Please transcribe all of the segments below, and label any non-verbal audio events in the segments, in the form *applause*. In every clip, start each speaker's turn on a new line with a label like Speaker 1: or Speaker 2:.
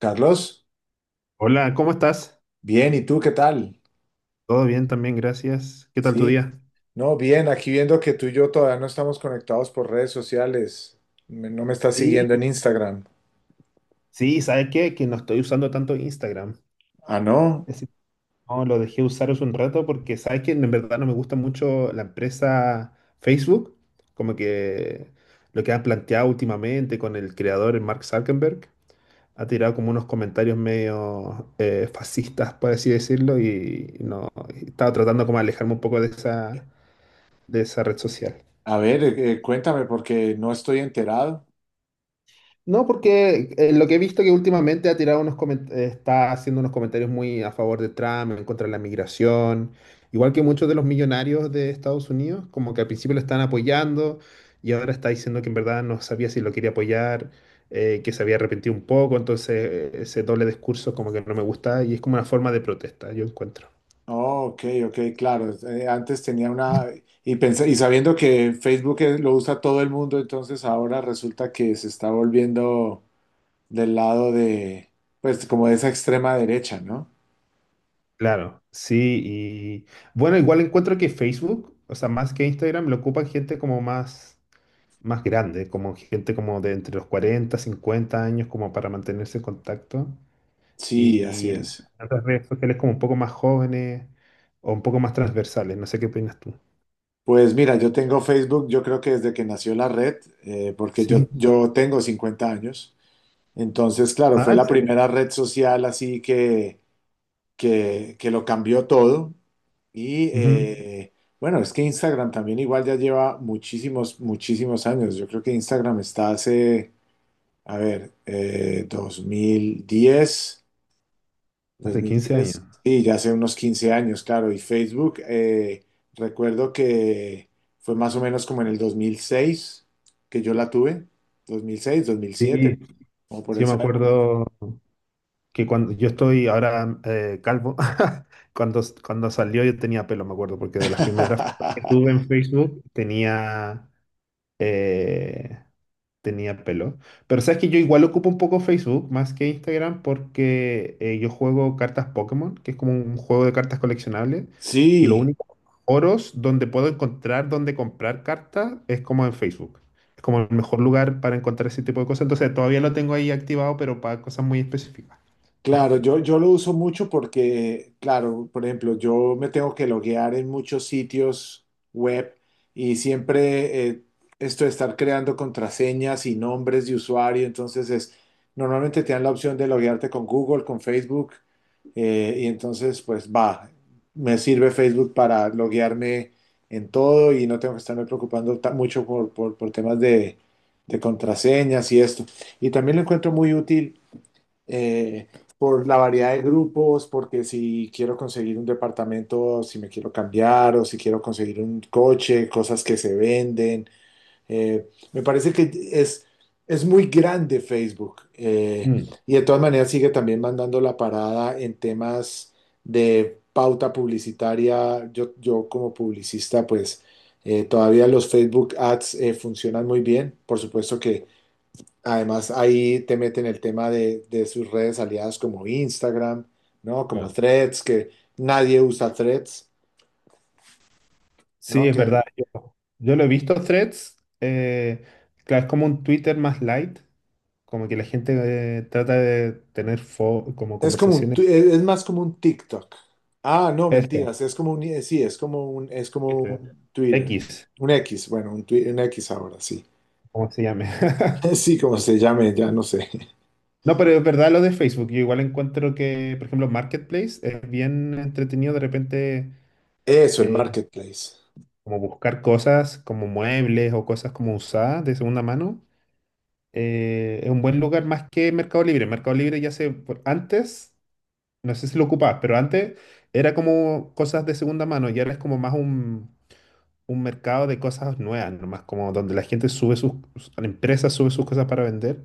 Speaker 1: Carlos,
Speaker 2: Hola, ¿cómo estás?
Speaker 1: bien, ¿y tú qué tal?
Speaker 2: Todo bien también, gracias. ¿Qué tal tu
Speaker 1: Sí,
Speaker 2: día?
Speaker 1: no, bien, aquí viendo que tú y yo todavía no estamos conectados por redes sociales. No me estás
Speaker 2: Sí,
Speaker 1: siguiendo en Instagram.
Speaker 2: sí, ¿sabes qué? Que no estoy usando tanto Instagram.
Speaker 1: Ah, no,
Speaker 2: Es decir, no, lo dejé usar hace un rato porque sabes que en verdad no me gusta mucho la empresa Facebook, como que lo que han planteado últimamente con el creador el Mark Zuckerberg. Ha tirado como unos comentarios medio fascistas, por así decirlo, y no, y estaba tratando como de alejarme un poco de esa red social.
Speaker 1: a ver, cuéntame porque no estoy enterado.
Speaker 2: No, porque lo que he visto que últimamente ha tirado unos está haciendo unos comentarios muy a favor de Trump, en contra de la migración, igual que muchos de los millonarios de Estados Unidos, como que al principio lo están apoyando y ahora está diciendo que en verdad no sabía si lo quería apoyar, que se había arrepentido un poco, entonces ese doble discurso como que no me gusta y es como una forma de protesta, yo encuentro.
Speaker 1: Oh, ok, ok, claro, antes tenía una, y pensé, y sabiendo que Facebook lo usa todo el mundo, entonces ahora resulta que se está volviendo del lado de, pues como de esa extrema derecha, ¿no?
Speaker 2: Claro, sí, y bueno, igual encuentro que Facebook, o sea, más que Instagram, lo ocupan gente como más grande, como gente como de entre los 40 50 años, como para mantenerse en contacto.
Speaker 1: Sí, así
Speaker 2: Y
Speaker 1: es.
Speaker 2: las otras redes sociales como un poco más jóvenes o un poco más transversales, no sé qué opinas tú.
Speaker 1: Pues mira, yo tengo Facebook, yo creo que desde que nació la red, porque yo,
Speaker 2: Sí.
Speaker 1: yo tengo 50 años. Entonces, claro, fue
Speaker 2: Ah, ¿en
Speaker 1: la
Speaker 2: serio?
Speaker 1: primera red social así que lo cambió todo. Y
Speaker 2: Ujú.
Speaker 1: bueno, es que Instagram también igual ya lleva muchísimos, muchísimos años. Yo creo que Instagram está hace, a ver, 2010, dos
Speaker 2: Hace
Speaker 1: mil
Speaker 2: quince
Speaker 1: diez
Speaker 2: años.
Speaker 1: sí, ya hace unos 15 años, claro. Y Facebook, recuerdo que fue más o menos como en el 2006 que yo la tuve, 2006, 2007,
Speaker 2: Sí,
Speaker 1: como por
Speaker 2: sí, yo me
Speaker 1: esa época.
Speaker 2: acuerdo que cuando yo estoy ahora calvo, *laughs* cuando salió yo tenía pelo, me acuerdo, porque de las primeras fotos que tuve
Speaker 1: *laughs*
Speaker 2: en Facebook eh, tenía pelo. Pero sabes que yo igual ocupo un poco Facebook más que Instagram porque yo juego cartas Pokémon, que es como un juego de cartas coleccionables. Y lo
Speaker 1: Sí.
Speaker 2: único, foros donde puedo encontrar donde comprar cartas es como en Facebook. Es como el mejor lugar para encontrar ese tipo de cosas. Entonces todavía lo tengo ahí activado, pero para cosas muy específicas.
Speaker 1: Claro, yo lo uso mucho porque, claro, por ejemplo, yo me tengo que loguear en muchos sitios web, y siempre esto de estar creando contraseñas y nombres de usuario, entonces es, normalmente te dan la opción de loguearte con Google, con Facebook, y entonces pues va, me sirve Facebook para loguearme en todo y no tengo que estarme preocupando mucho por, por temas de contraseñas y esto. Y también lo encuentro muy útil, eh, por la variedad de grupos, porque si quiero conseguir un departamento, si me quiero cambiar o si quiero conseguir un coche, cosas que se venden. Me parece que es muy grande Facebook,
Speaker 2: Mm,
Speaker 1: y de todas maneras sigue también mandando la parada en temas de pauta publicitaria. Yo como publicista, pues... todavía los Facebook Ads funcionan muy bien. Por supuesto que además, ahí te meten el tema de sus redes aliadas como Instagram, ¿no? Como
Speaker 2: claro.
Speaker 1: Threads, que nadie usa Threads,
Speaker 2: Sí,
Speaker 1: ¿no?
Speaker 2: es
Speaker 1: Que
Speaker 2: verdad. Yo lo he visto Threads. Claro, es como un Twitter más light, como que la gente trata de tener como
Speaker 1: es como un,
Speaker 2: conversaciones.
Speaker 1: es más como un TikTok. Ah, no,
Speaker 2: Este,
Speaker 1: mentiras, es como un, sí, es como
Speaker 2: este,
Speaker 1: un Twitter,
Speaker 2: X,
Speaker 1: un X, bueno, un, un X ahora, sí.
Speaker 2: como se llame. *laughs*
Speaker 1: *laughs* Sí, como se llame, ya no sé.
Speaker 2: No, pero es verdad lo de Facebook. Yo igual encuentro que, por ejemplo, Marketplace es bien entretenido de repente,
Speaker 1: Eso, el
Speaker 2: eh,
Speaker 1: marketplace.
Speaker 2: como buscar cosas como muebles o cosas como usadas de segunda mano. Es un buen lugar más que Mercado Libre. Mercado Libre antes, no sé si lo ocupabas, pero antes era como cosas de segunda mano y ahora es como más un mercado de cosas nuevas, nomás como donde la empresa sube sus cosas para vender.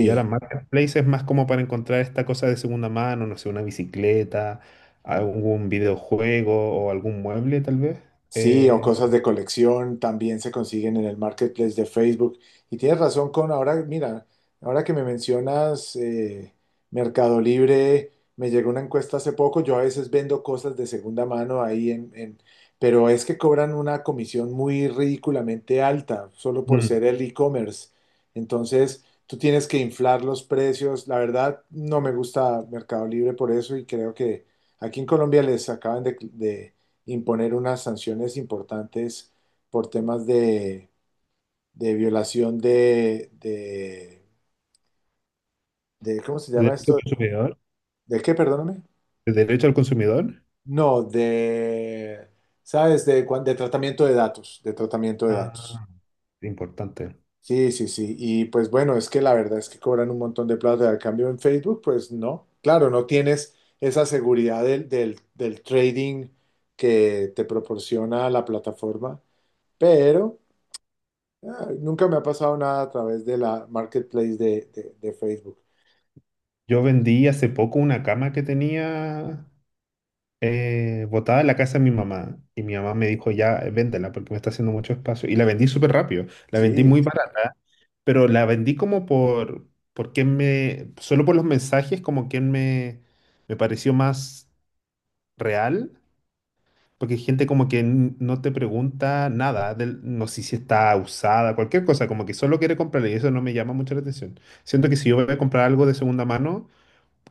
Speaker 2: Y ahora Marketplace es más como para encontrar esta cosa de segunda mano, no sé, una bicicleta, algún videojuego o algún mueble tal vez.
Speaker 1: Sí, o
Speaker 2: Eh,
Speaker 1: cosas de colección también se consiguen en el marketplace de Facebook. Y tienes razón con ahora, mira, ahora que me mencionas Mercado Libre, me llegó una encuesta hace poco, yo a veces vendo cosas de segunda mano ahí en, pero es que cobran una comisión muy ridículamente alta, solo por
Speaker 2: mm,
Speaker 1: ser el e-commerce. Entonces, tú tienes que inflar los precios. La verdad, no me gusta Mercado Libre por eso, y creo que aquí en Colombia les acaban de imponer unas sanciones importantes por temas de violación de ¿cómo se
Speaker 2: ¿de
Speaker 1: llama
Speaker 2: derecho al
Speaker 1: esto?
Speaker 2: consumidor?
Speaker 1: ¿De qué, perdóname?
Speaker 2: ¿De derecho al consumidor?
Speaker 1: No, de, ¿sabes? De, de tratamiento de datos, de tratamiento de datos.
Speaker 2: Ah, importante.
Speaker 1: Sí, sí, sí. Y pues bueno, es que la verdad es que cobran un montón de plata. Al cambio en Facebook, pues no. Claro, no tienes esa seguridad del trading que te proporciona la plataforma, pero... Ah, nunca me ha pasado nada a través de la marketplace de, de Facebook.
Speaker 2: Yo vendí hace poco una cama que tenía botada en la casa de mi mamá y mi mamá me dijo, ya, véndela porque me está haciendo mucho espacio. Y la vendí súper rápido, la vendí
Speaker 1: Sí,
Speaker 2: muy barata, pero la vendí como por solo por los mensajes, como me pareció más real, porque hay gente como que no te pregunta nada, no sé si está usada, cualquier cosa, como que solo quiere comprarla y eso no me llama mucho la atención. Siento que si yo voy a comprar algo de segunda mano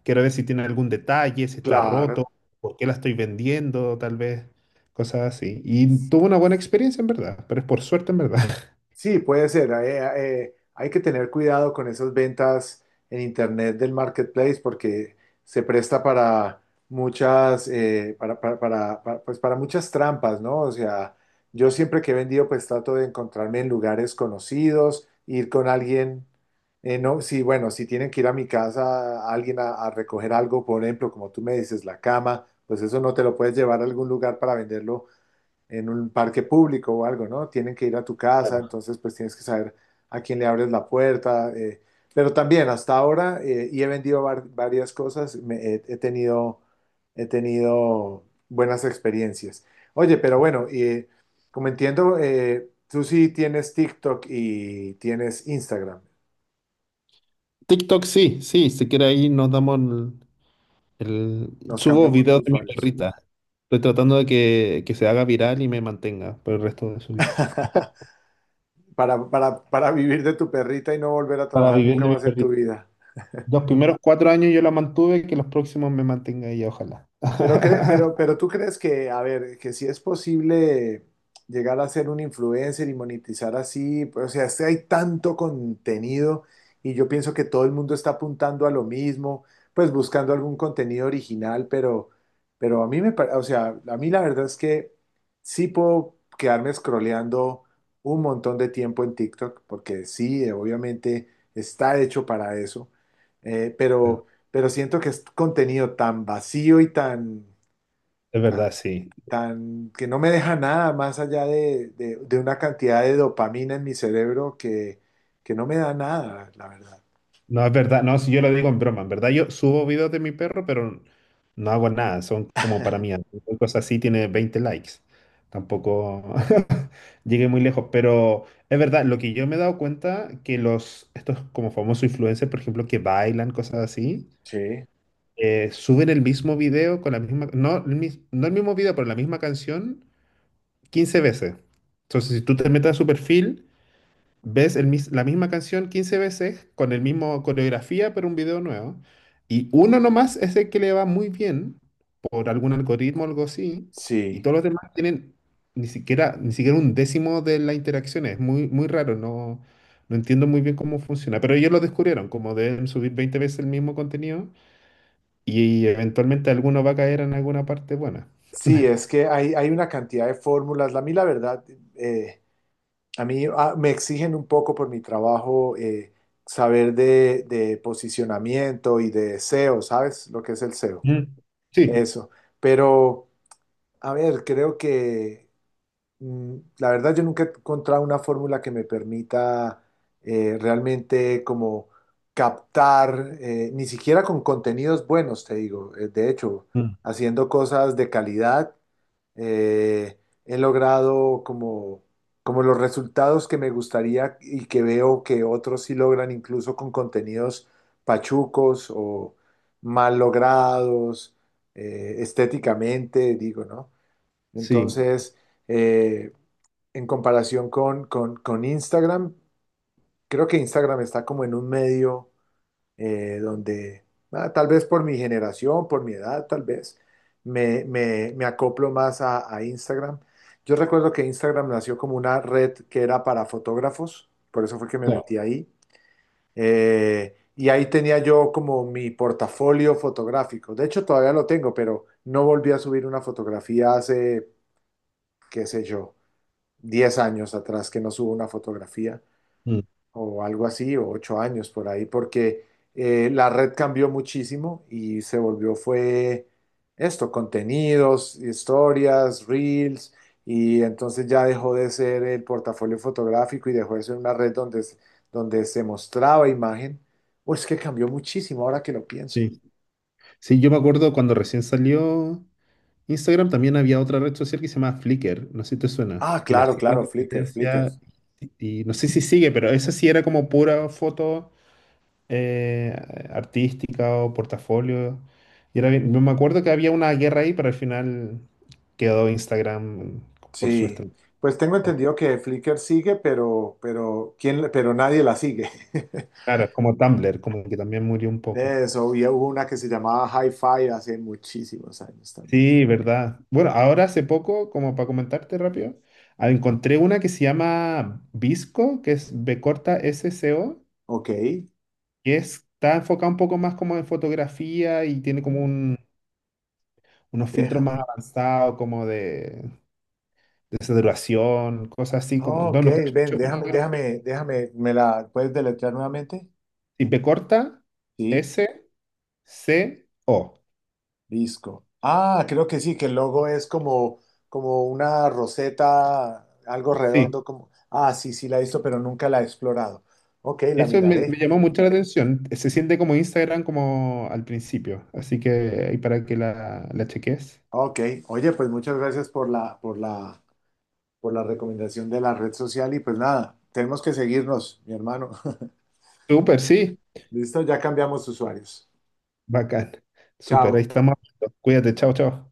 Speaker 2: quiero ver si tiene algún detalle, si está roto,
Speaker 1: claro.
Speaker 2: por qué la estoy vendiendo, tal vez, cosas así. Y tuve una buena experiencia en verdad, pero es por suerte en verdad. *laughs*
Speaker 1: Sí, puede ser. Hay que tener cuidado con esas ventas en Internet del marketplace porque se presta para muchas, pues para muchas trampas, ¿no? O sea, yo siempre que he vendido, pues trato de encontrarme en lugares conocidos, ir con alguien, no, sí, bueno, si tienen que ir a mi casa, a alguien a recoger algo, por ejemplo, como tú me dices, la cama, pues eso no te lo puedes llevar a algún lugar para venderlo en un parque público o algo, ¿no? Tienen que ir a tu casa,
Speaker 2: Claro.
Speaker 1: entonces pues tienes que saber a quién le abres la puerta. Eh, pero también hasta ahora, y he vendido varias cosas, he tenido buenas experiencias. Oye, pero bueno, como entiendo, tú sí tienes TikTok y tienes Instagram.
Speaker 2: TikTok sí, sí, si quiere ahí nos damos el.
Speaker 1: Nos
Speaker 2: Subo
Speaker 1: cambiamos de
Speaker 2: videos de mi
Speaker 1: usuarios.
Speaker 2: perrita. Estoy tratando de que se haga viral y me mantenga por el resto de su vida.
Speaker 1: *laughs*
Speaker 2: *laughs*
Speaker 1: Para vivir de tu perrita y no volver a
Speaker 2: Para
Speaker 1: trabajar
Speaker 2: vivir
Speaker 1: nunca
Speaker 2: de mi
Speaker 1: más en tu
Speaker 2: perrita.
Speaker 1: vida.
Speaker 2: Los primeros 4 años yo la mantuve, que los próximos me mantenga ella, ojalá.
Speaker 1: Pero,
Speaker 2: *laughs*
Speaker 1: pero tú crees que, a ver, que si es posible llegar a ser un influencer y monetizar así, pues, o sea, es que hay tanto contenido, y yo pienso que todo el mundo está apuntando a lo mismo, pues buscando algún contenido original, pero a mí me, o sea, a mí la verdad es que sí puedo quedarme scrolleando un montón de tiempo en TikTok, porque sí, obviamente está hecho para eso, eh, pero pero siento que es contenido tan vacío y tan,
Speaker 2: Es verdad, sí.
Speaker 1: tan que no me deja nada más allá de, de una cantidad de dopamina en mi cerebro que no me da nada, la verdad.
Speaker 2: No, es verdad, no, si yo lo digo en broma, en verdad yo subo videos de mi perro, pero no hago nada, son como para mí, cualquier cosa así tiene 20 likes, tampoco *laughs* llegué muy lejos, pero es verdad, lo que yo me he dado cuenta, que los, estos como famosos influencers, por ejemplo, que bailan, cosas así,
Speaker 1: Sí.
Speaker 2: suben el mismo video con la misma, no el, mis- no el mismo video, pero la misma canción 15 veces. Entonces, si tú te metes a su perfil, ves la misma canción 15 veces con el mismo coreografía, pero un video nuevo. Y uno nomás es el que le va muy bien por algún algoritmo o algo así. Y
Speaker 1: Sí,
Speaker 2: todos los demás tienen ni siquiera un décimo de la interacción. Es muy, muy raro. No, no entiendo muy bien cómo funciona. Pero ellos lo descubrieron, como deben subir 20 veces el mismo contenido y eventualmente alguno va a caer en alguna parte buena.
Speaker 1: sí, es que hay una cantidad de fórmulas. A mí, la verdad, eh, a mí me exigen un poco por mi trabajo, saber de posicionamiento y de SEO. ¿Sabes lo que es el SEO?
Speaker 2: Mm, sí,
Speaker 1: Eso. Pero, a ver, creo que la verdad, yo nunca he encontrado una fórmula que me permita realmente como captar, ni siquiera con contenidos buenos, te digo. De hecho,
Speaker 2: mm,
Speaker 1: haciendo cosas de calidad, eh, he logrado como, como los resultados que me gustaría y que veo que otros sí logran, incluso con contenidos pachucos o mal logrados, estéticamente, digo, ¿no?
Speaker 2: sí.
Speaker 1: Entonces... eh, en comparación con, con Instagram, creo que Instagram está como en un medio, donde, ah, tal vez por mi generación, por mi edad, tal vez, me, me acoplo más a Instagram. Yo recuerdo que Instagram nació como una red que era para fotógrafos, por eso fue que me metí
Speaker 2: Claro.
Speaker 1: ahí. Y ahí tenía yo como mi portafolio fotográfico. De hecho, todavía lo tengo, pero no volví a subir una fotografía hace, qué sé yo, 10 años atrás que no subo una fotografía.
Speaker 2: Mm,
Speaker 1: O algo así, o 8 años por ahí, porque la red cambió muchísimo y se volvió, fue esto, contenidos, historias, reels, y entonces ya dejó de ser el portafolio fotográfico y dejó de ser una red donde, donde se mostraba imagen. O es que cambió muchísimo ahora que lo pienso.
Speaker 2: sí. Sí, yo me acuerdo cuando recién salió. Instagram también había otra red social que se llama Flickr, no sé si te suena,
Speaker 1: Ah,
Speaker 2: que la
Speaker 1: claro,
Speaker 2: hacía la
Speaker 1: claro, Flickr, Flickr.
Speaker 2: competencia y no sé si sigue, pero esa sí era como pura foto eh, artística o portafolio. Y era me acuerdo que había una guerra ahí, pero al final quedó Instagram por su
Speaker 1: Sí.
Speaker 2: estrategia.
Speaker 1: Pues tengo entendido que Flickr sigue, pero, ¿quién, pero nadie la sigue. *laughs*
Speaker 2: Claro, como Tumblr, como que también murió un poco.
Speaker 1: Eso, y hubo una que se llamaba Hi-Fi hace muchísimos años también.
Speaker 2: Sí, verdad. Bueno, ahora hace poco, como para comentarte rápido, encontré una que se llama Visco, que es VSCO,
Speaker 1: Ok.
Speaker 2: que está enfocado un poco más como en fotografía y tiene como
Speaker 1: Ah,
Speaker 2: unos filtros
Speaker 1: déjame.
Speaker 2: más avanzados, como de saturación, cosas así como.
Speaker 1: Ah,
Speaker 2: No,
Speaker 1: ok,
Speaker 2: no cacho
Speaker 1: ven,
Speaker 2: mucho.
Speaker 1: déjame. ¿Me la puedes deletrear nuevamente?
Speaker 2: Y P corta,
Speaker 1: Sí,
Speaker 2: S, C, O.
Speaker 1: disco. Ah, creo que sí, que el logo es como, como una roseta, algo redondo,
Speaker 2: Sí,
Speaker 1: como. Ah, sí, sí, la he visto, pero nunca la he explorado. Ok, la
Speaker 2: eso me
Speaker 1: miraré.
Speaker 2: llamó mucho la atención. Se siente como Instagram como al principio, así que ahí para que la cheques.
Speaker 1: Ok, oye, pues muchas gracias por la, por la recomendación de la red social, y pues nada, tenemos que seguirnos, mi hermano.
Speaker 2: Súper, sí,
Speaker 1: Listo, ya cambiamos usuarios.
Speaker 2: bacán.
Speaker 1: Chao.
Speaker 2: Súper, ahí estamos. Cuídate, chao, chao.